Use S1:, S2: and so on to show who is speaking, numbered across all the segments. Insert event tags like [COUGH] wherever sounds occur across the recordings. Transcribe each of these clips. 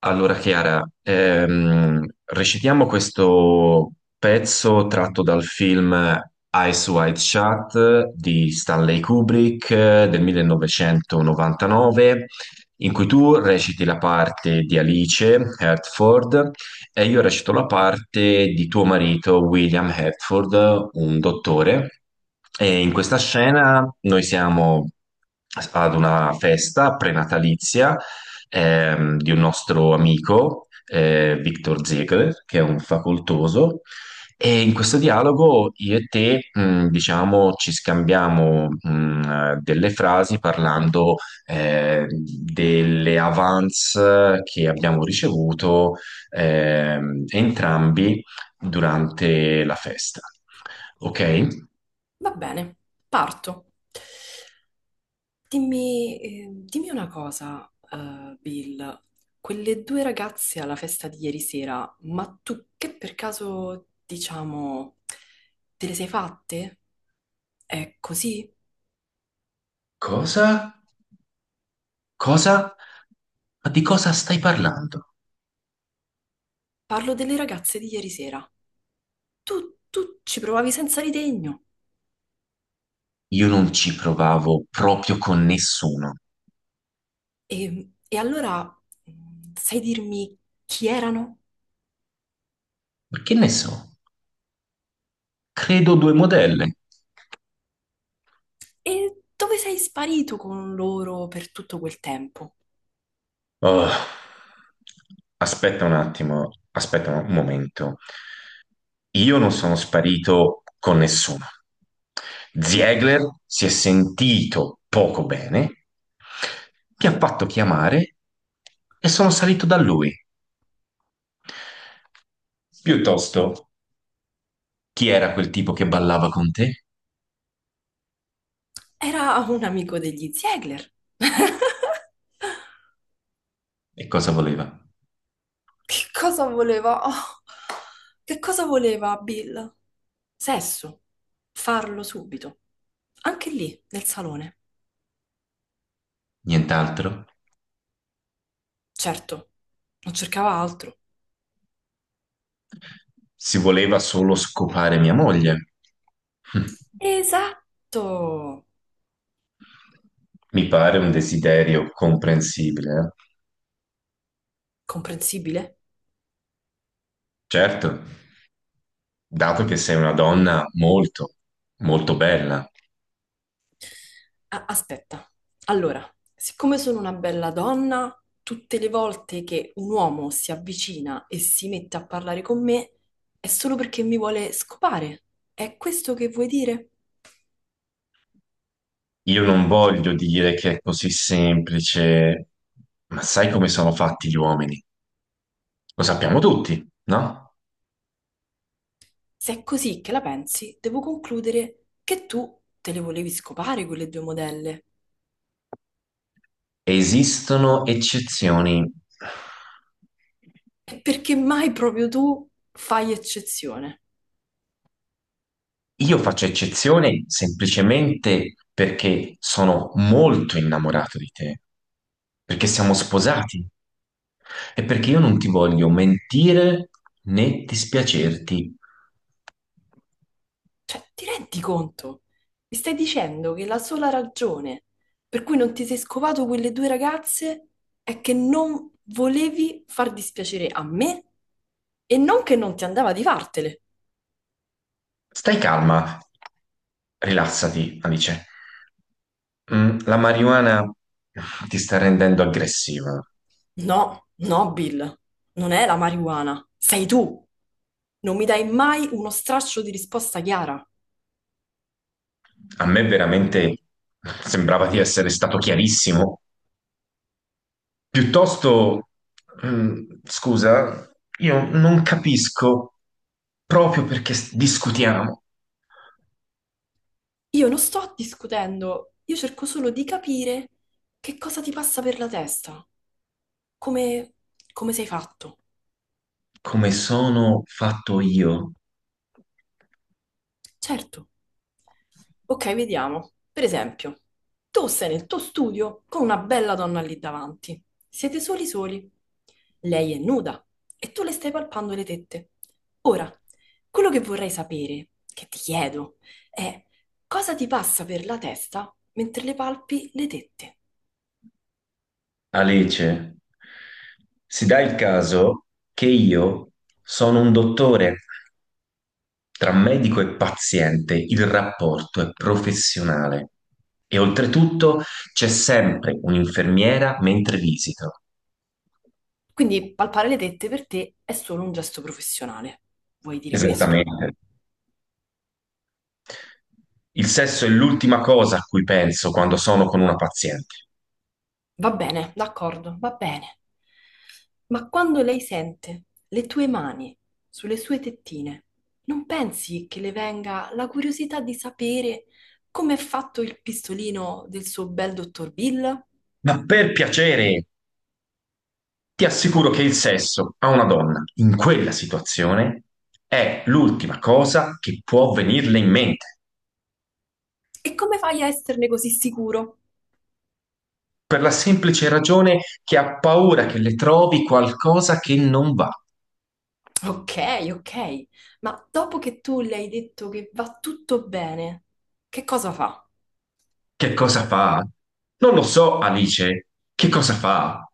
S1: Allora, Chiara, recitiamo questo pezzo tratto dal film Eyes Wide Shut di Stanley Kubrick, del 1999, in cui tu reciti la parte di Alice Hertford e io recito la parte di tuo marito William Hertford, un dottore. E in questa scena noi siamo ad una festa prenatalizia di un nostro amico, Victor Ziegler, che è un facoltoso, e in questo dialogo io e te, diciamo, ci scambiamo, delle frasi parlando, delle avance che abbiamo ricevuto, entrambi durante la festa. Ok?
S2: Va bene, parto. Dimmi, dimmi una cosa, Bill. Quelle due ragazze alla festa di ieri sera, ma tu che per caso, diciamo, te le sei fatte? È così?
S1: Cosa? Cosa? Ma di cosa stai parlando?
S2: Parlo delle ragazze di ieri sera. Tu ci provavi senza ritegno.
S1: Io non ci provavo proprio con nessuno.
S2: E allora, sai dirmi chi erano?
S1: Ma che ne so? Credo due modelle.
S2: E dove sei sparito con loro per tutto quel tempo?
S1: Oh, aspetta un attimo, aspetta un momento. Io non sono sparito con nessuno. Ziegler si è sentito poco bene, mi ha fatto chiamare e sono salito da lui. Piuttosto, chi era quel tipo che ballava con te?
S2: Era un amico degli Ziegler. [LAUGHS]
S1: E cosa voleva?
S2: Che cosa voleva? [LAUGHS] Oh, che cosa voleva Bill? Sesso. Farlo subito. Anche lì, nel salone.
S1: Nient'altro?
S2: Certo, non cercava altro.
S1: Si voleva solo scopare mia moglie. [LAUGHS]
S2: Esatto. Tutto
S1: Mi pare un desiderio comprensibile, eh.
S2: comprensibile?
S1: Certo, dato che sei una donna molto, molto bella.
S2: Ah, aspetta, allora, siccome sono una bella donna, tutte le volte che un uomo si avvicina e si mette a parlare con me è solo perché mi vuole scopare. È questo che vuoi dire?
S1: Io non voglio dire che è così semplice, ma sai come sono fatti gli uomini? Lo sappiamo tutti, no?
S2: Se è così che la pensi, devo concludere che tu te le volevi scopare quelle due modelle.
S1: Esistono eccezioni.
S2: E perché mai proprio tu fai eccezione?
S1: Io faccio eccezione semplicemente perché sono molto innamorato di te, perché siamo sposati e perché io non ti voglio mentire né dispiacerti.
S2: Cioè, ti rendi conto? Mi stai dicendo che la sola ragione per cui non ti sei scovato quelle due ragazze è che non volevi far dispiacere a me e non che non ti andava di fartele.
S1: Stai calma, rilassati, Alice. Mm, la marijuana ti sta rendendo aggressiva.
S2: No, no, Bill, non è la marijuana, sei tu. Non mi dai mai uno straccio di risposta chiara.
S1: A me veramente sembrava di essere stato chiarissimo. Piuttosto, scusa, io non capisco proprio perché discutiamo
S2: Io non sto discutendo, io cerco solo di capire che cosa ti passa per la testa, come, come sei fatto.
S1: come sono fatto io.
S2: Certo. Ok, vediamo. Per esempio, tu sei nel tuo studio con una bella donna lì davanti. Siete soli soli. Lei è nuda e tu le stai palpando le tette. Ora, quello che vorrei sapere, che ti chiedo, è cosa ti passa per la testa mentre le palpi le tette?
S1: Alice, si dà il caso che io sono un dottore, tra medico e paziente il rapporto è professionale e oltretutto c'è sempre un'infermiera mentre visito.
S2: Quindi palpare le tette per te è solo un gesto professionale. Vuoi dire questo?
S1: Esattamente. Il sesso è l'ultima cosa a cui penso quando sono con una paziente.
S2: Va bene, d'accordo, va bene. Ma quando lei sente le tue mani sulle sue tettine, non pensi che le venga la curiosità di sapere come è fatto il pistolino del suo bel dottor Bill?
S1: Ma per piacere! Ti assicuro che il sesso a una donna in quella situazione è l'ultima cosa che può venirle in mente,
S2: E come fai a esserne così sicuro?
S1: per la semplice ragione che ha paura che le trovi qualcosa che non va.
S2: Ok, ok, ma dopo che tu le hai detto che va tutto bene, che cosa fa?
S1: Che cosa fa? Non lo so, Alice. Che cosa fa?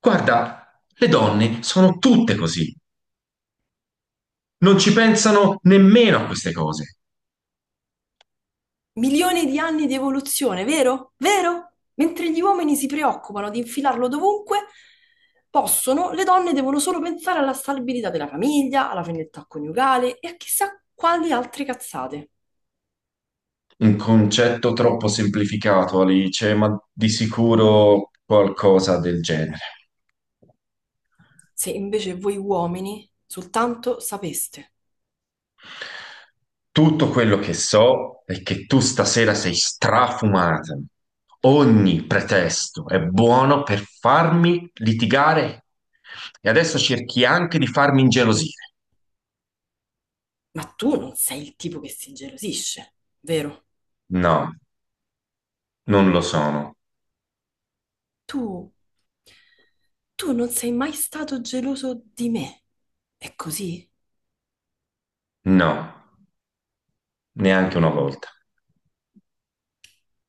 S1: Guarda, le donne sono tutte così. Non ci pensano nemmeno a queste cose.
S2: Milioni di anni di evoluzione, vero? Vero? Mentre gli uomini si preoccupano di infilarlo dovunque, possono, le donne devono solo pensare alla stabilità della famiglia, alla fedeltà coniugale e a chissà quali altre cazzate.
S1: Un concetto troppo semplificato, Alice, ma di sicuro qualcosa del genere.
S2: Se invece voi uomini soltanto sapeste.
S1: Tutto quello che so è che tu stasera sei strafumata. Ogni pretesto è buono per farmi litigare e adesso cerchi anche di farmi ingelosire.
S2: Ma tu non sei il tipo che si gelosisce, vero?
S1: No, non lo sono.
S2: Tu, tu non sei mai stato geloso di me. È così?
S1: No, neanche una volta.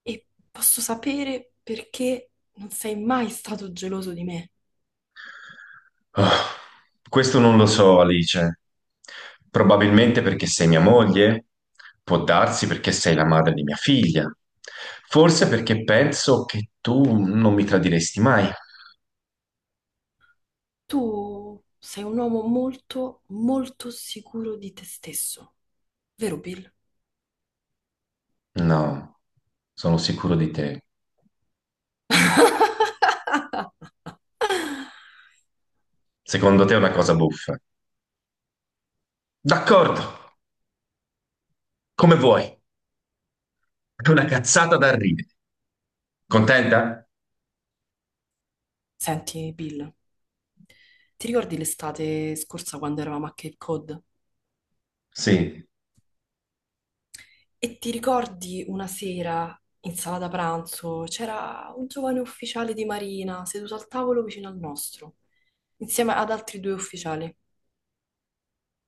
S2: E posso sapere perché non sei mai stato geloso di me.
S1: Oh, questo non lo so, Alice. Probabilmente perché sei mia moglie, può darsi perché sei la madre di mia figlia, forse perché penso che tu non mi tradiresti mai.
S2: Tu sei un uomo molto, molto sicuro di te stesso, vero Bill?
S1: No, sono sicuro di te. Secondo te è una cosa buffa. D'accordo, come vuoi. È una cazzata da ridere. Contenta?
S2: Senti, Bill, ti ricordi l'estate scorsa quando eravamo a Cape Cod?
S1: Sì.
S2: E ti ricordi una sera in sala da pranzo c'era un giovane ufficiale di Marina seduto al tavolo vicino al nostro, insieme ad altri due ufficiali.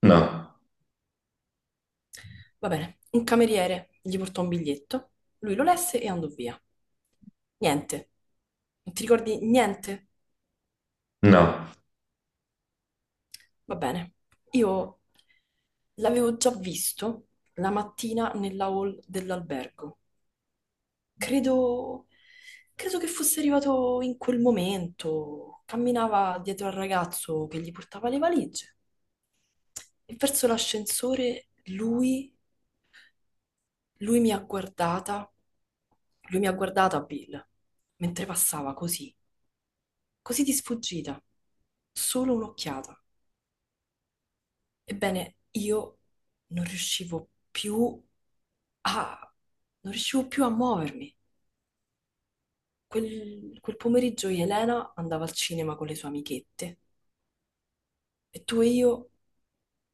S1: No,
S2: Va bene, un cameriere gli portò un biglietto, lui lo lesse e andò via. Niente. Non ti ricordi niente?
S1: no.
S2: Va bene. Io l'avevo già visto la mattina nella hall dell'albergo. Credo, credo che fosse arrivato in quel momento. Camminava dietro al ragazzo che gli portava le valigie e verso l'ascensore lui lui mi ha guardata, lui mi ha guardata, Bill, mentre passava così, così di sfuggita, solo un'occhiata. Ebbene, io non riuscivo più a... non riuscivo più a muovermi. Quel pomeriggio Elena andava al cinema con le sue amichette e tu e io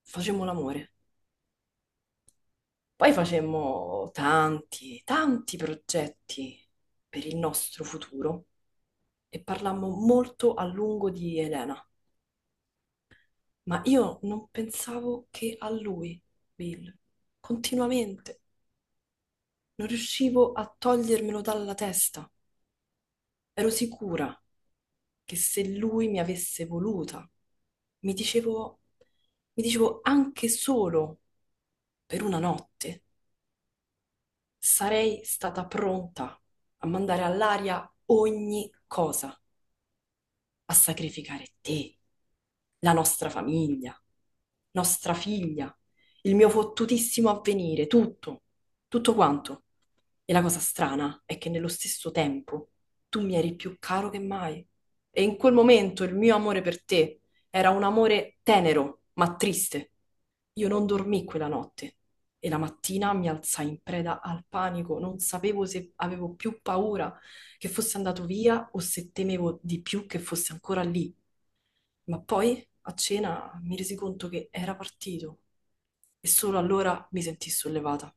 S2: facemmo l'amore. Poi facemmo tanti, tanti progetti per il nostro futuro. E parlammo molto a lungo di Elena, ma io non pensavo che a lui, Bill, continuamente. Non riuscivo a togliermelo dalla testa. Ero sicura che se lui mi avesse voluta, mi dicevo, mi dicevo anche solo per una notte, sarei stata pronta a mandare all'aria ogni cosa, a sacrificare te, la nostra famiglia, nostra figlia, il mio fottutissimo avvenire, tutto, tutto quanto. E la cosa strana è che nello stesso tempo tu mi eri più caro che mai. E in quel momento il mio amore per te era un amore tenero, ma triste. Io non dormii quella notte e la mattina mi alzai in preda al panico, non sapevo se avevo più paura che fosse andato via o se temevo di più che fosse ancora lì. Ma poi, a cena, mi resi conto che era partito e solo allora mi sentii sollevata.